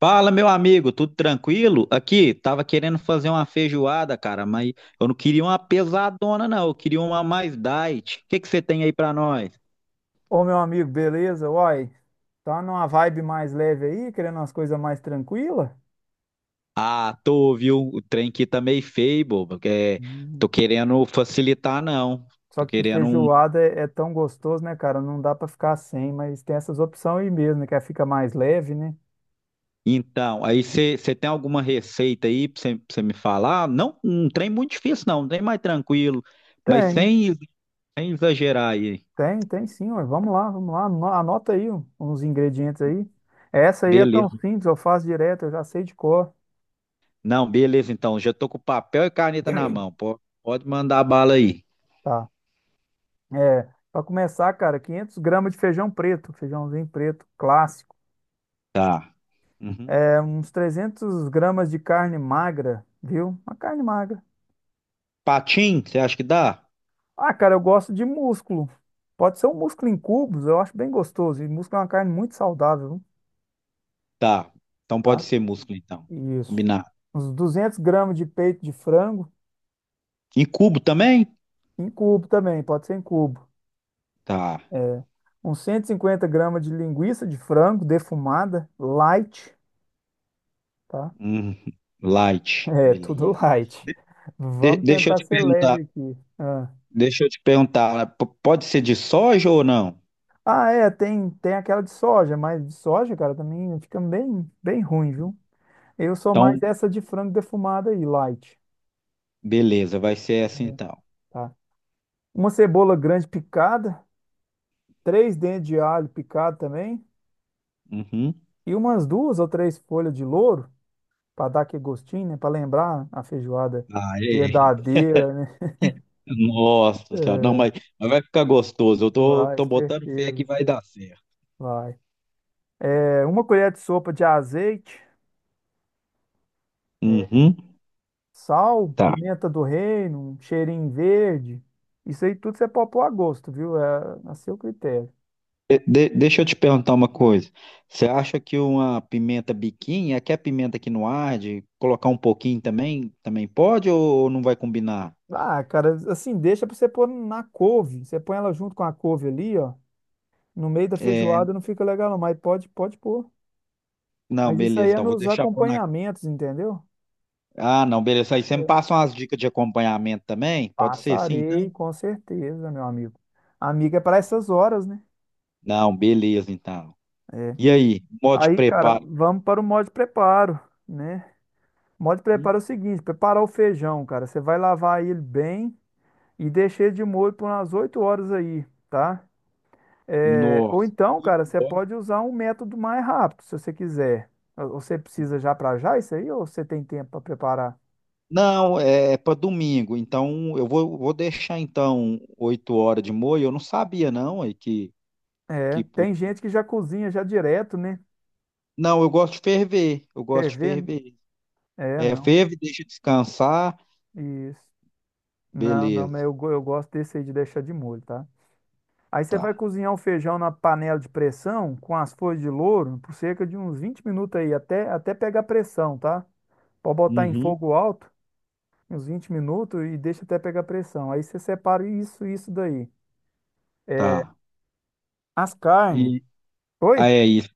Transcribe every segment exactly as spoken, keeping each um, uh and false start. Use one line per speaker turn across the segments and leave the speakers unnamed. Fala, meu amigo, tudo tranquilo? Aqui, tava querendo fazer uma feijoada, cara, mas eu não queria uma pesadona, não. Eu queria uma mais diet. O que que você tem aí pra nós?
Ô, meu amigo, beleza? Uai, tá numa vibe mais leve aí, querendo umas coisas mais tranquilas?
Ah, tô, viu? O trem aqui tá meio feio, bobo. É, tô querendo facilitar, não.
Só
Tô
que
querendo um.
feijoada é, é tão gostoso, né, cara? Não dá pra ficar sem, mas tem essas opções aí mesmo, né? Que aí fica mais leve, né?
Então, aí você tem alguma receita aí pra você me falar? Não, um trem muito difícil, não. Um trem mais tranquilo, mas
Tem,
sem, sem exagerar aí.
tem, tem sim, ué. Vamos lá, vamos lá. Ano- Anota aí ó, uns ingredientes aí. Essa aí é tão simples, eu faço direto, eu já sei de cor.
Não, beleza, então. Já tô com papel e caneta na mão. po- Pode mandar a bala aí.
Tá. É, para começar, cara, quinhentos gramas de feijão preto, feijãozinho preto clássico.
Tá. Uhum.
É, uns 300 gramas de carne magra, viu? Uma carne magra.
Patim, você acha que dá?
Ah, cara, eu gosto de músculo. Pode ser um músculo em cubos, eu acho bem gostoso. E músculo é uma carne muito saudável,
Tá. Então pode
tá?
ser músculo, então.
Isso.
Combinar.
Uns 200 gramas de peito de frango
Em cubo também?
em cubo também, pode ser em cubo.
Tá.
É, Uns 150 gramas de linguiça de frango defumada, light, tá?
Uhum. Light,
É, tudo
beleza.
light.
De-
Vamos
deixa eu
tentar
te
ser
perguntar.
leve aqui. Ah.
Deixa eu te perguntar. p- Pode ser de soja ou não?
Ah, é, tem, tem aquela de soja, mas de soja, cara, também fica bem, bem ruim, viu? Eu sou mais
Então,
essa de frango defumado aí, light,
beleza, vai ser essa então.
tá? Uma cebola grande picada, três dentes de alho picado também,
Uhum.
e umas duas ou três folhas de louro, para dar aquele gostinho, né? Para lembrar a feijoada
Aê.
verdadeira, né?
Nossa senhora. Não,
É,
mas, mas vai ficar gostoso. Eu tô,
vai,
tô botando fé
certeza,
que vai
cer-
dar certo.
vai. É, uma colher de sopa de azeite,
Uhum.
sal,
Tá.
pimenta do reino, um cheirinho verde. Isso aí tudo você pode pôr a gosto, viu? É a seu critério.
De- de- deixa eu te perguntar uma coisa. Você acha que uma pimenta biquinho, aqui é pimenta que não arde, colocar um pouquinho também, também pode ou não vai combinar?
Ah, cara, assim, deixa pra você pôr na couve. Você põe ela junto com a couve ali, ó. No meio da
É,
feijoada não fica legal, não, mas pode, pode pôr.
não,
Mas isso aí
beleza.
é
Não, vou
nos
deixar por na.
acompanhamentos, entendeu?
Ah, não, beleza. Aí você me
É.
passa umas dicas de acompanhamento também? Pode ser assim,
Passarei,
então?
com certeza, meu amigo. Amiga é para essas horas, né?
Não, beleza, então.
É.
E aí, modo de
Aí, cara,
preparo?
vamos para o modo de preparo, né? O modo de
Hum,
preparo é o seguinte: preparar o feijão, cara. Você vai lavar ele bem e deixei de molho por umas oito horas aí, tá? É, ou
Nossa,
então,
oito
cara, você
horas?
pode usar um método mais rápido, se você quiser. Ou você
Hum.
precisa já para já isso aí, ou você tem tempo para preparar?
Não, é, para domingo. Então, eu vou, vou deixar então oito horas de molho. Eu não sabia não aí que
É,
que pu-
tem gente que já cozinha já direto, né?
Não, eu gosto de ferver. Eu gosto
Quer
de
ver, né?
ferver.
É,
É,
não.
ferve, deixa descansar.
Isso. Não, não, mas
Beleza.
eu, go- eu gosto desse aí de deixar de molho, tá? Aí você
Tá.
vai cozinhar o feijão na panela de pressão com as folhas de louro por cerca de uns vinte minutos aí, até, até pegar pressão, tá? Pode botar em
Uhum.
fogo alto. Uns vinte minutos e deixa até pegar pressão. Aí você separa isso e isso daí. É,
Tá.
as carnes.
E ah,
Oi?
é isso.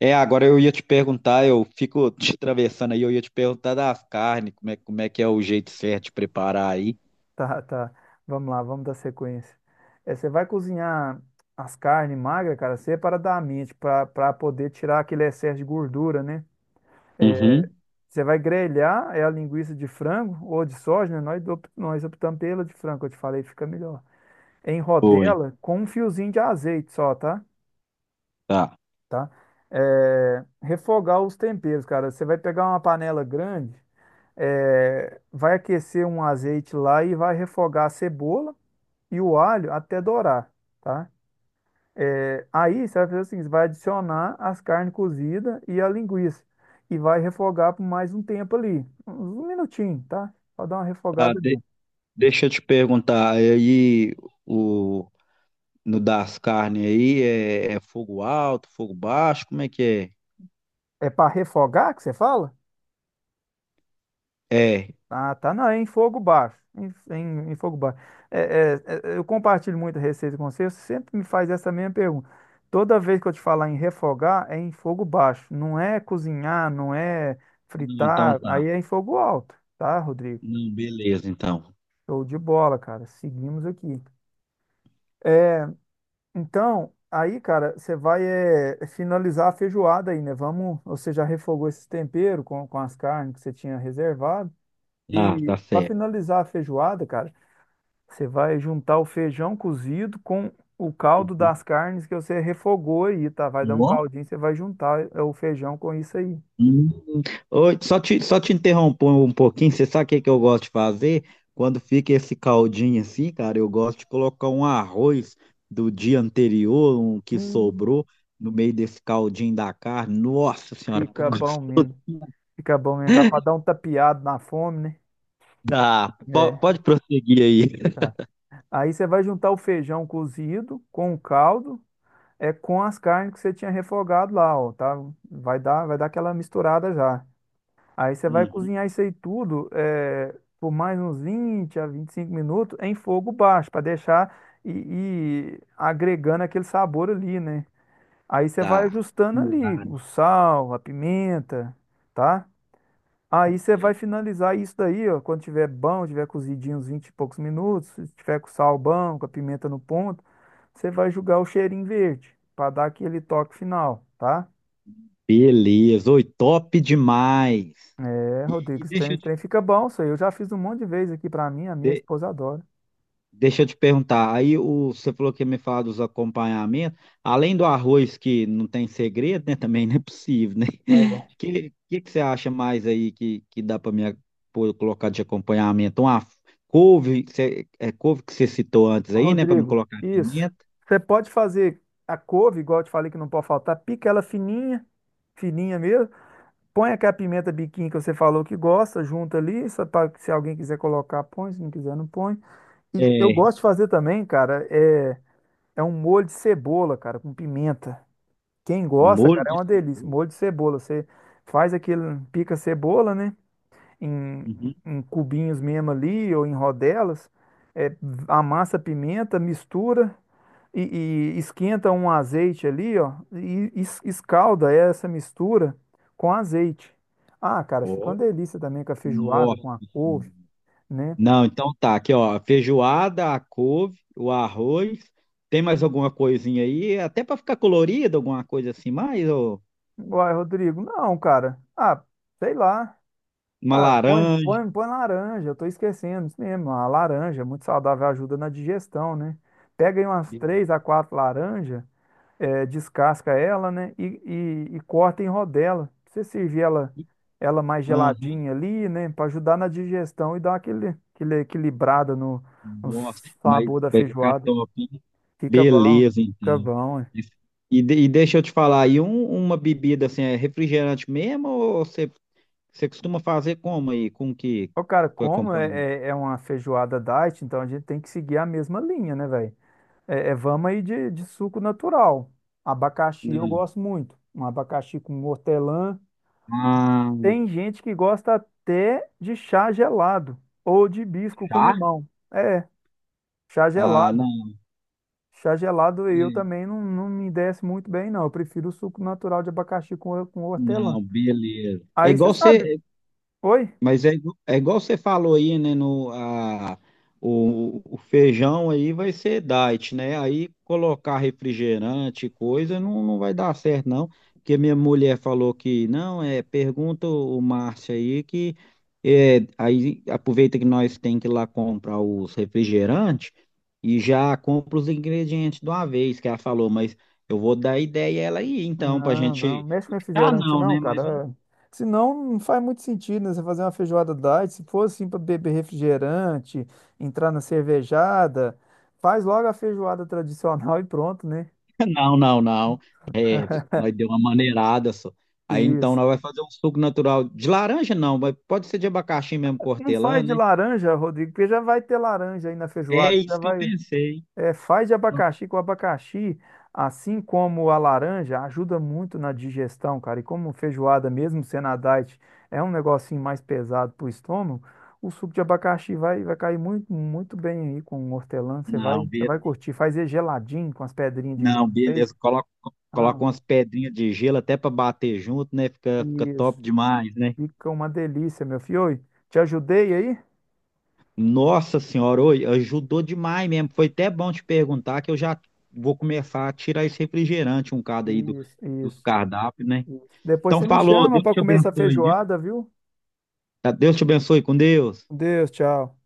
É, agora eu ia te perguntar, eu fico te atravessando aí, eu ia te perguntar das carnes, como é, como é que é o jeito certo de preparar aí.
Tá, tá. Vamos lá, vamos dar sequência. É, você vai cozinhar as carnes magras, cara, separadamente, para para poder tirar aquele excesso de gordura, né?
Uhum.
Você vai grelhar é a linguiça de frango ou de soja, né? Nós, op- nós optamos pela de frango, eu te falei, fica melhor. Em
Foi.
rodela com um fiozinho de azeite só, tá?
Tá.
Tá? É, refogar os temperos, cara. Você vai pegar uma panela grande. É, vai aquecer um azeite lá e vai refogar a cebola e o alho até dourar, tá? É, aí você vai fazer o seguinte, vai adicionar as carnes cozidas e a linguiça e vai refogar por mais um tempo ali, uns um minutinho, tá? Para dar uma
Tá,
refogada
de-
ali.
deixa eu te perguntar, aí o no das carnes aí é, é fogo alto, fogo baixo, como é que
É para refogar que você fala?
é? É.
Ah, tá, não, é em fogo baixo, em, em- em fogo baixo. É, é, é, eu compartilho muito a receita com você, você sempre me faz essa mesma pergunta. Toda vez que eu te falar em refogar, é em fogo baixo, não é cozinhar, não é
Hum, então
fritar,
tá.
aí é em fogo alto, tá, Rodrigo?
Não, beleza, então.
Show de bola, cara, seguimos aqui. É, então, aí, cara, você vai é, finalizar a feijoada aí, né? Vamos, você já refogou esse tempero com, com as carnes que você tinha reservado,
Ah,
e
tá
para
certo.
finalizar a feijoada, cara, você vai juntar o feijão cozido com o caldo
Uhum.
das carnes que você refogou aí, tá? Vai dar um
Ó.
caldinho, você vai juntar é, o feijão com isso aí.
Hum. Oi, só te, só te interrompo um pouquinho. Você sabe o que que eu gosto de fazer? Quando fica esse caldinho assim, cara, eu gosto de colocar um arroz do dia anterior, um que
Hum,
sobrou, no meio desse caldinho da carne. Nossa senhora, que
fica
gostoso.
bom mesmo. Fica bom mesmo. Dá pra dar um tapeado na fome,
Tá, po-
né?
pode
É,
prosseguir aí.
tá. Aí você vai juntar o feijão cozido com o caldo, é com as carnes que você tinha refogado lá, ó, tá? Vai dar, vai dar aquela misturada já. Aí você vai
Uhum,
cozinhar isso aí tudo eh, por mais uns vinte a vinte e cinco minutos em fogo baixo, para deixar e, e agregando aquele sabor ali, né? Aí você vai
tá,
ajustando ali o sal, a pimenta, tá? Aí você vai
é.
finalizar isso daí, ó, quando tiver bom, tiver cozidinho uns vinte e poucos minutos, se tiver com o sal bom, com a pimenta no ponto, você vai jogar o cheirinho verde, para dar aquele toque final, tá?
Beleza. Oi, top demais.
É,
E,
Rodrigo,
e
esse trem,
deixa eu
esse trem fica bom, isso aí. Eu já fiz um monte de vezes aqui pra mim, a minha
te,
esposa adora.
Deixa eu te perguntar, aí o, você falou que ia me falar dos acompanhamentos, além do arroz que não tem segredo, né? Também não é possível, né?
É.
O que, que, que você acha mais aí que, que dá para me pôr- colocar de acompanhamento? Uma couve, que você- é couve que você citou antes aí, né? Para me
Rodrigo,
colocar
isso.
pimenta.
Você pode fazer a couve, igual eu te falei que não pode faltar, pica ela fininha, fininha mesmo. Põe aquela pimenta biquinho que você falou que gosta, junta ali, só pra- se alguém quiser colocar, põe, se não quiser, não põe. E eu
É,
gosto de fazer também, cara, é, é um molho de cebola, cara, com pimenta. Quem gosta,
molho
cara, é
de
uma delícia.
cebola.
Molho de cebola, você faz aquele, pica a cebola, né? Em,
Uhum.
em cubinhos mesmo ali ou em rodelas, é, amassa a pimenta, mistura e, e esquenta um azeite ali, ó, e es- escalda essa mistura com azeite. Ah, cara, fica uma
Ó,
delícia também com a feijoada,
nossa.
com a couve, né?
Não, então tá, aqui ó, feijoada, a couve, o arroz, tem mais alguma coisinha aí? Até para ficar colorido, alguma coisa assim mais, ou
Uai, Rodrigo, não, cara. Ah, sei lá.
uma
Ah, põe,
laranja.
põe, põe laranja, eu tô esquecendo isso mesmo. A laranja, é muito saudável, ajuda na digestão, né? Pega aí umas
Be-
três a quatro laranjas é, descasca ela, né? E, e, e corta em rodela. Você servir ela, ela mais
Aham,
geladinha ali, né? Para ajudar na digestão e dar aquele, aquele equilibrada no, no
nossa, mas
sabor da
vai ficar
feijoada.
top, hein?
Fica bom,
Beleza,
fica
então.
bom. É.
E, de- e deixa eu te falar, aí um- uma bebida assim, é refrigerante mesmo, ou você você costuma fazer como aí, com que
Ô, cara,
para
como
acompanhar?
é, é, é uma feijoada diet, então a gente tem que seguir a mesma linha, né, velho? É, é, vamos aí de, de suco natural. Abacaxi eu
Não.
gosto muito. Um abacaxi com hortelã.
Ah,
Tem gente que gosta até de chá gelado ou de hibisco com
tá?
limão. É, chá
Ah,
gelado.
não,
Chá gelado eu
é.
também não, não me desce muito bem, não. Eu prefiro o suco natural de abacaxi com, com hortelã.
Não, beleza. É
Aí você
igual
sabe.
você,
Oi?
Mas é, igu- é igual você falou aí, né? No, a, o, o feijão aí vai ser diet, né? Aí colocar refrigerante, e coisa, não, não vai dar certo, não. Porque minha mulher falou que não, é, pergunta o Márcio aí que é, aí aproveita que nós tem que ir lá comprar os refrigerantes e já compra os ingredientes de uma vez, que ela falou, mas eu vou dar ideia a ela aí, então, pra
Não, não.
gente.
Mexe com
Ah,
refrigerante,
não,
não,
né? Mas um-
cara. É. Senão não faz muito sentido, né? Você fazer uma feijoada diet. Se for assim para beber refrigerante, entrar na cervejada, faz logo a feijoada tradicional e pronto, né?
não, não, não. Nós deu uma maneirada só. Aí então
Isso.
nós vai fazer um suco natural de laranja, não, mas pode ser de abacaxi mesmo com
Não
hortelã,
faz de
né?
laranja, Rodrigo, porque já vai ter laranja aí na
É
feijoada. Já
isso que eu
vai.
pensei.
É, faz de abacaxi, que o abacaxi, assim como a laranja, ajuda muito na digestão, cara. E como feijoada, mesmo sendo a diet, é um negocinho mais pesado pro estômago, o suco de abacaxi vai, vai cair muito, muito bem aí com o hortelã. Você vai,
Não,
você
be...
vai curtir. Faz ele geladinho com as pedrinhas de
não,
gelo no meio.
beleza. Coloca,
Ah,
coloca umas pedrinhas de gelo até para bater junto, né? Fica, fica
isso.
top demais, né?
Fica uma delícia, meu filho. Oi, te ajudei aí?
Nossa senhora, oi, ajudou demais mesmo. Foi até bom te perguntar que eu já vou começar a tirar esse refrigerante um cada aí do,
Isso,
dos
isso.
cardápios, né?
Depois
Então
você me
falou,
chama
Deus
para
te
comer essa
abençoe, viu?
feijoada, viu?
Tá, Deus te abençoe com Deus.
Com Deus, tchau.